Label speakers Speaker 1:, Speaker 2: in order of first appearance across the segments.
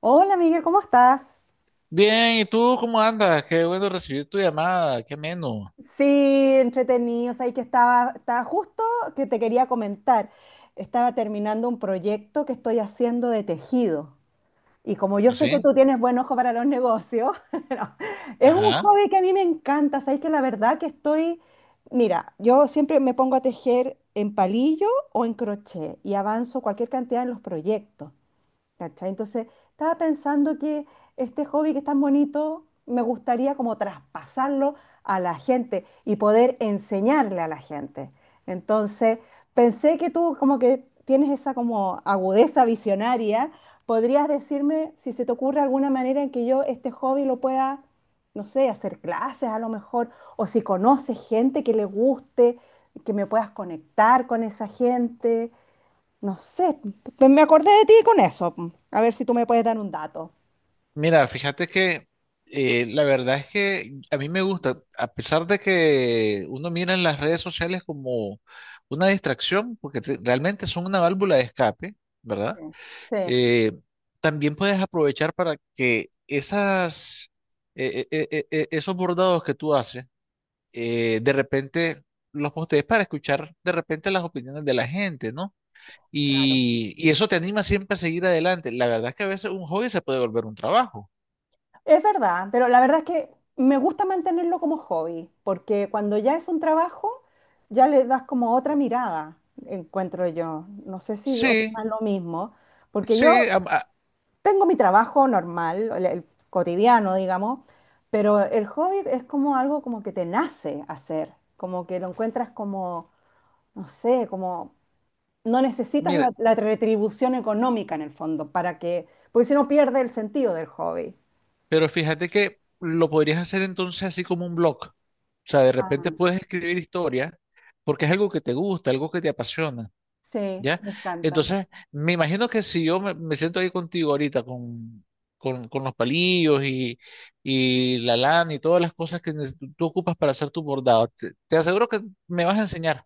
Speaker 1: Hola, Miguel, ¿cómo estás?
Speaker 2: Bien, ¿y tú cómo andas? Qué bueno recibir tu llamada, qué ameno.
Speaker 1: Sí, entretenido. Sabes que estaba justo que te quería comentar. Estaba terminando un proyecto que estoy haciendo de tejido. Y como yo sé que
Speaker 2: ¿Así?
Speaker 1: tú tienes buen ojo para los negocios, no, es un
Speaker 2: Ajá.
Speaker 1: hobby que a mí me encanta. Sabes que la verdad que estoy, mira, yo siempre me pongo a tejer en palillo o en crochet y avanzo cualquier cantidad en los proyectos. ¿Cachai? Entonces, estaba pensando que este hobby que es tan bonito, me gustaría como traspasarlo a la gente y poder enseñarle a la gente. Entonces, pensé que tú como que tienes esa como agudeza visionaria, podrías decirme si se te ocurre alguna manera en que yo este hobby lo pueda, no sé, hacer clases a lo mejor, o si conoces gente que le guste, que me puedas conectar con esa gente. No sé, me acordé de ti con eso. A ver si tú me puedes dar un dato.
Speaker 2: Mira, fíjate que la verdad es que a mí me gusta, a pesar de que uno mira en las redes sociales como una distracción, porque realmente son una válvula de escape,
Speaker 1: Sí,
Speaker 2: ¿verdad?
Speaker 1: sí.
Speaker 2: Eh, También puedes aprovechar para que esas, esos bordados que tú haces, de repente los postees para escuchar de repente las opiniones de la gente, ¿no?
Speaker 1: Claro.
Speaker 2: Y eso te anima siempre a seguir adelante. La verdad es que a veces un hobby se puede volver un trabajo.
Speaker 1: Es verdad, pero la verdad es que me gusta mantenerlo como hobby, porque cuando ya es un trabajo, ya le das como otra mirada, encuentro yo. No sé si
Speaker 2: Sí,
Speaker 1: opinas lo mismo, porque yo
Speaker 2: sí,
Speaker 1: tengo mi trabajo normal, el cotidiano, digamos, pero el hobby es como algo como que te nace hacer, como que lo encuentras como, no sé, como no necesitas la,
Speaker 2: mira,
Speaker 1: la retribución económica en el fondo para que, porque si no pierde el sentido del hobby.
Speaker 2: pero fíjate que lo podrías hacer entonces así como un blog. O sea, de repente
Speaker 1: Ah,
Speaker 2: puedes escribir historia porque es algo que te gusta, algo que te apasiona,
Speaker 1: sí,
Speaker 2: ¿ya?
Speaker 1: me encanta.
Speaker 2: Entonces, me imagino que si yo me siento ahí contigo ahorita con los palillos y la lana y todas las cosas que tú ocupas para hacer tu bordado, te aseguro que me vas a enseñar.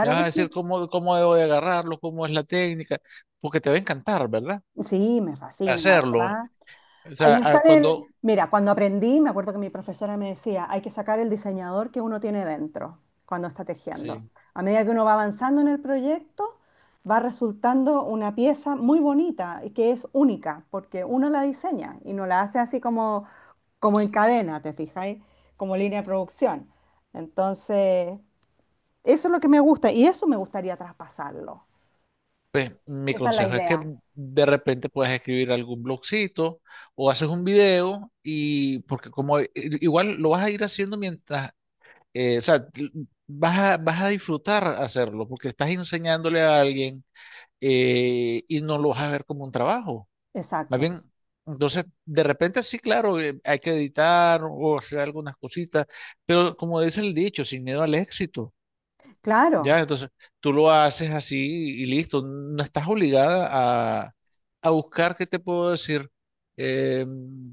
Speaker 2: Me vas a
Speaker 1: que
Speaker 2: decir
Speaker 1: sí.
Speaker 2: cómo, cómo debo de agarrarlo, cómo es la técnica, porque te va a encantar, ¿verdad?
Speaker 1: Sí, me fascina, la
Speaker 2: Hacerlo.
Speaker 1: verdad.
Speaker 2: O
Speaker 1: Ahí
Speaker 2: sea, cuando,
Speaker 1: salen, mira, cuando aprendí, me acuerdo que mi profesora me decía, hay que sacar el diseñador que uno tiene dentro cuando está tejiendo.
Speaker 2: sí,
Speaker 1: A medida que uno va avanzando en el proyecto, va resultando una pieza muy bonita y que es única, porque uno la diseña y no la hace así como, como en cadena, ¿te fijáis? Como línea de producción. Entonces, eso es lo que me gusta y eso me gustaría traspasarlo.
Speaker 2: pues mi
Speaker 1: Esa es la
Speaker 2: consejo es que
Speaker 1: idea.
Speaker 2: de repente puedas escribir algún blogcito o haces un video y porque como igual lo vas a ir haciendo mientras, o sea, vas a disfrutar hacerlo porque estás enseñándole a alguien, y no lo vas a ver como un trabajo. Más
Speaker 1: Exacto.
Speaker 2: bien, entonces, de repente sí, claro, hay que editar o hacer algunas cositas, pero como dice el dicho, sin miedo al éxito,
Speaker 1: Claro,
Speaker 2: ¿ya? Entonces, tú lo haces así y listo, no estás obligada a buscar, ¿qué te puedo decir? Eh,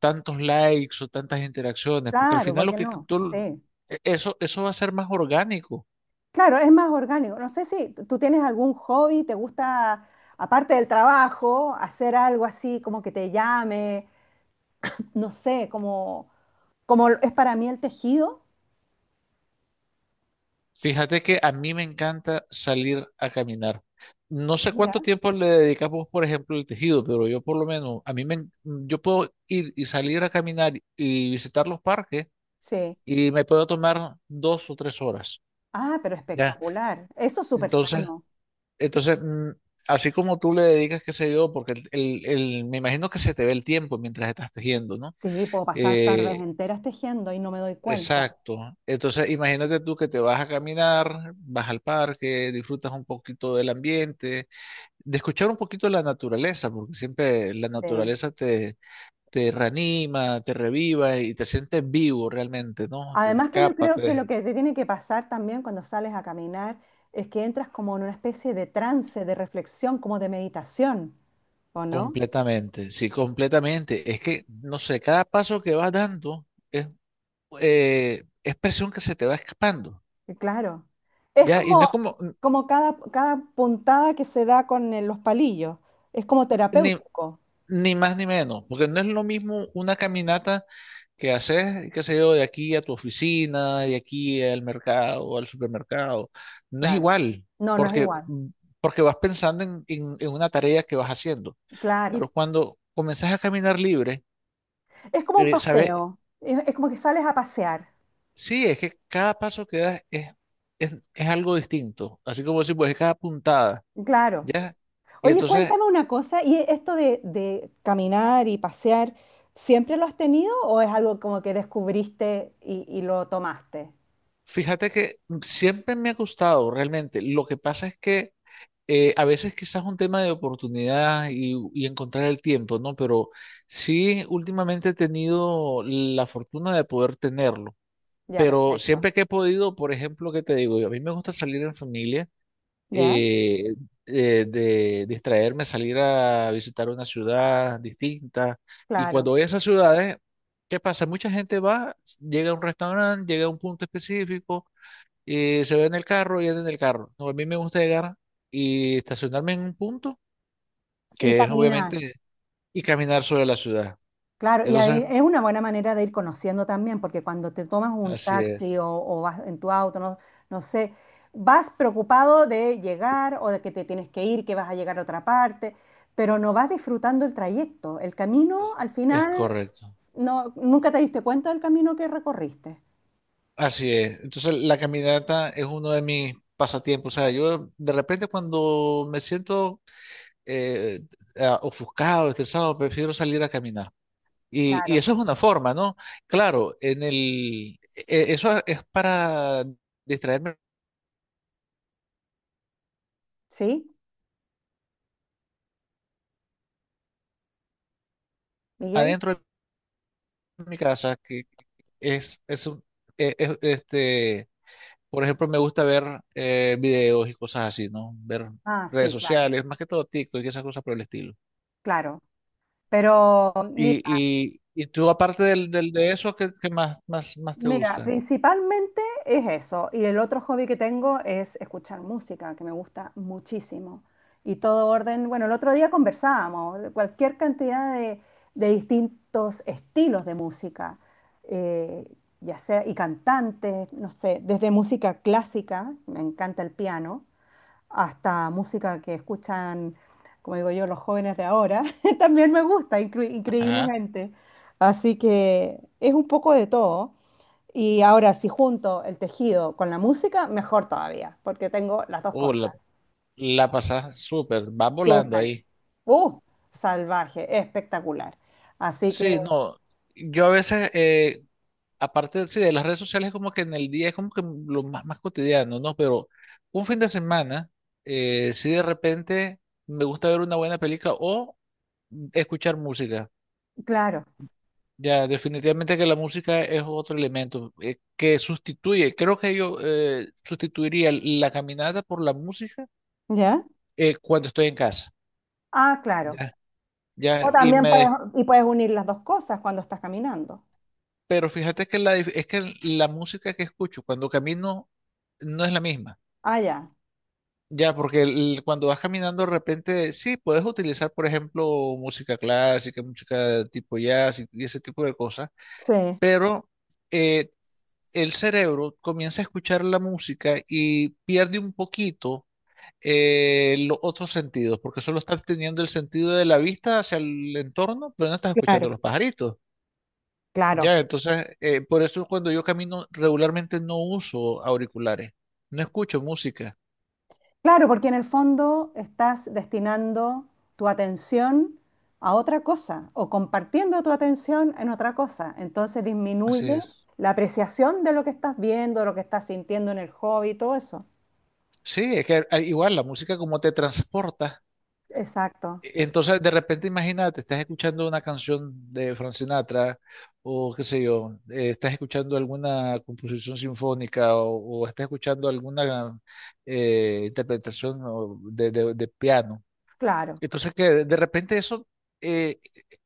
Speaker 2: Tantos likes o tantas interacciones, porque al
Speaker 1: claro,
Speaker 2: final
Speaker 1: ¿por
Speaker 2: lo
Speaker 1: qué
Speaker 2: que
Speaker 1: no? Sí.
Speaker 2: eso, eso va a ser más orgánico.
Speaker 1: Claro, es más orgánico. No sé si tú tienes algún hobby, te gusta, aparte del trabajo, hacer algo así como que te llame, no sé, como, como es para mí el tejido.
Speaker 2: Fíjate que a mí me encanta salir a caminar. No sé
Speaker 1: Mira.
Speaker 2: cuánto tiempo le dedicamos, por ejemplo, al tejido, pero yo por lo menos, a yo puedo ir y salir a caminar y visitar los parques
Speaker 1: Sí.
Speaker 2: y me puedo tomar dos o tres horas,
Speaker 1: Ah, pero
Speaker 2: ¿ya?
Speaker 1: espectacular. Eso es súper
Speaker 2: Entonces,
Speaker 1: sano.
Speaker 2: entonces, así como tú le dedicas, qué sé yo, porque me imagino que se te ve el tiempo mientras estás tejiendo, ¿no?
Speaker 1: Sí, puedo pasar tardes
Speaker 2: Eh,
Speaker 1: enteras tejiendo y no me doy cuenta.
Speaker 2: Exacto. Entonces, imagínate tú que te vas a caminar, vas al parque, disfrutas un poquito del ambiente, de escuchar un poquito la naturaleza, porque siempre la
Speaker 1: Sí.
Speaker 2: naturaleza te reanima, te reviva y te sientes vivo realmente, ¿no? Te
Speaker 1: Además que yo
Speaker 2: escapas
Speaker 1: creo que lo que te tiene que pasar también cuando sales a caminar es que entras como en una especie de trance, de reflexión, como de meditación, ¿o no?
Speaker 2: completamente, sí, completamente. Es que, no sé, cada paso que vas dando es, es presión que se te va escapando,
Speaker 1: Y claro. Es
Speaker 2: ¿ya? Y no
Speaker 1: como,
Speaker 2: es como,
Speaker 1: como cada puntada que se da con los palillos. Es como
Speaker 2: ni,
Speaker 1: terapéutico.
Speaker 2: ni más ni menos, porque no es lo mismo una caminata que haces, qué sé yo, de aquí a tu oficina, de aquí al mercado, al supermercado. No es
Speaker 1: Claro.
Speaker 2: igual,
Speaker 1: No, no es
Speaker 2: porque,
Speaker 1: igual.
Speaker 2: porque vas pensando en una tarea que vas haciendo.
Speaker 1: Claro.
Speaker 2: Pero cuando comenzás a caminar libre,
Speaker 1: Es como un
Speaker 2: eh, sabes,
Speaker 1: paseo. Es como que sales a pasear.
Speaker 2: sí, es que cada paso que das es algo distinto. Así como decir, pues es cada puntada,
Speaker 1: Claro.
Speaker 2: ¿ya? Y
Speaker 1: Oye,
Speaker 2: entonces,
Speaker 1: cuéntame una cosa. ¿Y esto de caminar y pasear, siempre lo has tenido o es algo como que descubriste y lo tomaste?
Speaker 2: fíjate que siempre me ha gustado realmente. Lo que pasa es que a veces quizás un tema de oportunidad y encontrar el tiempo, ¿no? Pero sí, últimamente he tenido la fortuna de poder tenerlo.
Speaker 1: Ya,
Speaker 2: Pero
Speaker 1: perfecto.
Speaker 2: siempre que he podido, por ejemplo, ¿qué te digo? A mí me gusta salir en familia,
Speaker 1: ¿Ya?
Speaker 2: eh, de distraerme, salir a visitar una ciudad distinta. Y
Speaker 1: Claro.
Speaker 2: cuando voy a esas ciudades, ¿qué pasa? Mucha gente va, llega a un restaurante, llega a un punto específico y se ve en el carro y anda en el carro. No, a mí me gusta llegar y estacionarme en un punto
Speaker 1: Y
Speaker 2: que es
Speaker 1: caminar.
Speaker 2: obviamente y caminar sobre la ciudad.
Speaker 1: Claro, y
Speaker 2: Entonces,
Speaker 1: ahí es una buena manera de ir conociendo también, porque cuando te tomas un
Speaker 2: así
Speaker 1: taxi o vas en tu auto, no, no sé, vas preocupado de llegar o de que te tienes que ir, que vas a llegar a otra parte, pero no vas disfrutando el trayecto. El camino, al
Speaker 2: es
Speaker 1: final,
Speaker 2: correcto.
Speaker 1: no, nunca te diste cuenta del camino que recorriste.
Speaker 2: Así es. Entonces, la caminata es uno de mis pasatiempos. O sea, yo de repente cuando me siento eh, ofuscado, estresado, prefiero salir a caminar. Y
Speaker 1: Claro.
Speaker 2: eso es una forma, ¿no? Claro, en eso es para distraerme
Speaker 1: ¿Sí, Miguel?
Speaker 2: adentro de mi casa, que es, un- e- e- este, por ejemplo, me gusta ver videos y cosas así, ¿no? Ver
Speaker 1: Ah,
Speaker 2: redes
Speaker 1: sí, claro,
Speaker 2: sociales, más que todo TikTok y esas cosas por el estilo.
Speaker 1: claro. Pero
Speaker 2: Y,
Speaker 1: mira.
Speaker 2: y tú, aparte de eso, qué más, más, más te
Speaker 1: Mira,
Speaker 2: gusta?
Speaker 1: principalmente es eso. Y el otro hobby que tengo es escuchar música, que me gusta muchísimo. Y todo orden, bueno, el otro día conversábamos de cualquier cantidad de distintos estilos de música, eh, ya sea, y cantantes, no sé, desde música clásica, me encanta el piano, hasta música que escuchan, como digo yo, los jóvenes de ahora, también me gusta,
Speaker 2: Ajá.
Speaker 1: increíblemente. Así que es un poco de todo. Y ahora, si junto el tejido con la música, mejor todavía, porque tengo las dos
Speaker 2: Oh, la,
Speaker 1: cosas.
Speaker 2: la pasás súper, vas volando
Speaker 1: Súper.
Speaker 2: ahí.
Speaker 1: ¡Uh! Salvaje, espectacular. Así que,
Speaker 2: Sí, no. Yo a veces, aparte, sí, de las redes sociales, como que en el día es como que lo más, más cotidiano, ¿no? Pero un fin de semana, si de repente me gusta ver una buena película o escuchar música.
Speaker 1: claro.
Speaker 2: Ya, definitivamente que la música es otro elemento que sustituye, creo que yo sustituiría la caminata por la música
Speaker 1: ¿Ya?
Speaker 2: cuando estoy en casa.
Speaker 1: Ah, claro.
Speaker 2: Ya,
Speaker 1: O
Speaker 2: ya, y
Speaker 1: también puedes, y puedes unir las dos cosas cuando estás caminando.
Speaker 2: pero fíjate que es que la música que escucho cuando camino no es la misma.
Speaker 1: Ah, ya.
Speaker 2: Ya, porque cuando vas caminando de repente, sí, puedes utilizar, por ejemplo, música clásica, música tipo jazz y ese tipo de cosas,
Speaker 1: Sí,
Speaker 2: pero eh, el cerebro comienza a escuchar la música y pierde un poquito, los otros sentidos, porque solo estás teniendo el sentido de la vista hacia el entorno, pero no estás escuchando
Speaker 1: claro.
Speaker 2: los pajaritos.
Speaker 1: Claro.
Speaker 2: Ya, entonces, por eso cuando yo camino regularmente no uso auriculares, no escucho música.
Speaker 1: Claro, porque en el fondo estás destinando tu atención a otra cosa o compartiendo tu atención en otra cosa. Entonces
Speaker 2: Así
Speaker 1: disminuye
Speaker 2: es.
Speaker 1: la apreciación de lo que estás viendo, lo que estás sintiendo en el hobby, todo eso.
Speaker 2: Sí, es que igual la música como te transporta.
Speaker 1: Exacto,
Speaker 2: Entonces, de repente, imagínate, estás escuchando una canción de Frank Sinatra o qué sé yo, estás escuchando alguna composición sinfónica o estás escuchando alguna interpretación de piano.
Speaker 1: claro.
Speaker 2: Entonces que de repente eso, eh,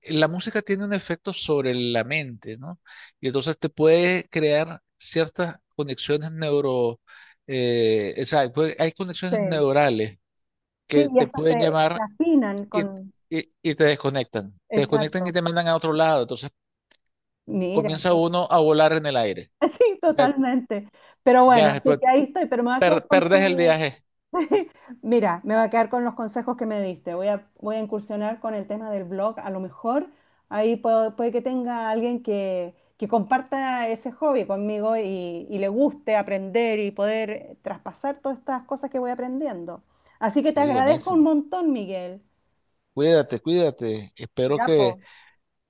Speaker 2: la música tiene un efecto sobre la mente, ¿no? Y entonces te puede crear ciertas conexiones neuro, o sea, hay
Speaker 1: Sí,
Speaker 2: conexiones neurales
Speaker 1: sí,
Speaker 2: que
Speaker 1: y
Speaker 2: te
Speaker 1: esas
Speaker 2: pueden
Speaker 1: se, se
Speaker 2: llamar
Speaker 1: afinan
Speaker 2: y,
Speaker 1: con...
Speaker 2: y te desconectan. Te desconectan y
Speaker 1: Exacto.
Speaker 2: te mandan a otro lado. Entonces
Speaker 1: Mira,
Speaker 2: comienza
Speaker 1: sí,
Speaker 2: uno a volar en el aire.
Speaker 1: sí,
Speaker 2: Ya,
Speaker 1: totalmente. Pero bueno,
Speaker 2: ya
Speaker 1: así
Speaker 2: después
Speaker 1: que ahí estoy, pero me voy a quedar con
Speaker 2: perdes el
Speaker 1: tu,
Speaker 2: viaje.
Speaker 1: mira, me va a quedar con los consejos que me diste. Voy a, voy a incursionar con el tema del blog. A lo mejor ahí puedo- puede que tenga alguien que comparta ese hobby conmigo y le guste aprender y poder traspasar todas estas cosas que voy aprendiendo. Así que te
Speaker 2: Sí,
Speaker 1: agradezco un
Speaker 2: buenísimo.
Speaker 1: montón, Miguel.
Speaker 2: Cuídate, cuídate. Espero
Speaker 1: Ya, po.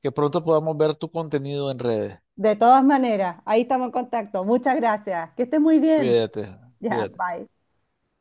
Speaker 2: que pronto podamos ver tu contenido en redes.
Speaker 1: De todas maneras, ahí estamos en contacto. Muchas gracias. Que estés muy bien.
Speaker 2: Cuídate,
Speaker 1: Ya,
Speaker 2: cuídate.
Speaker 1: bye.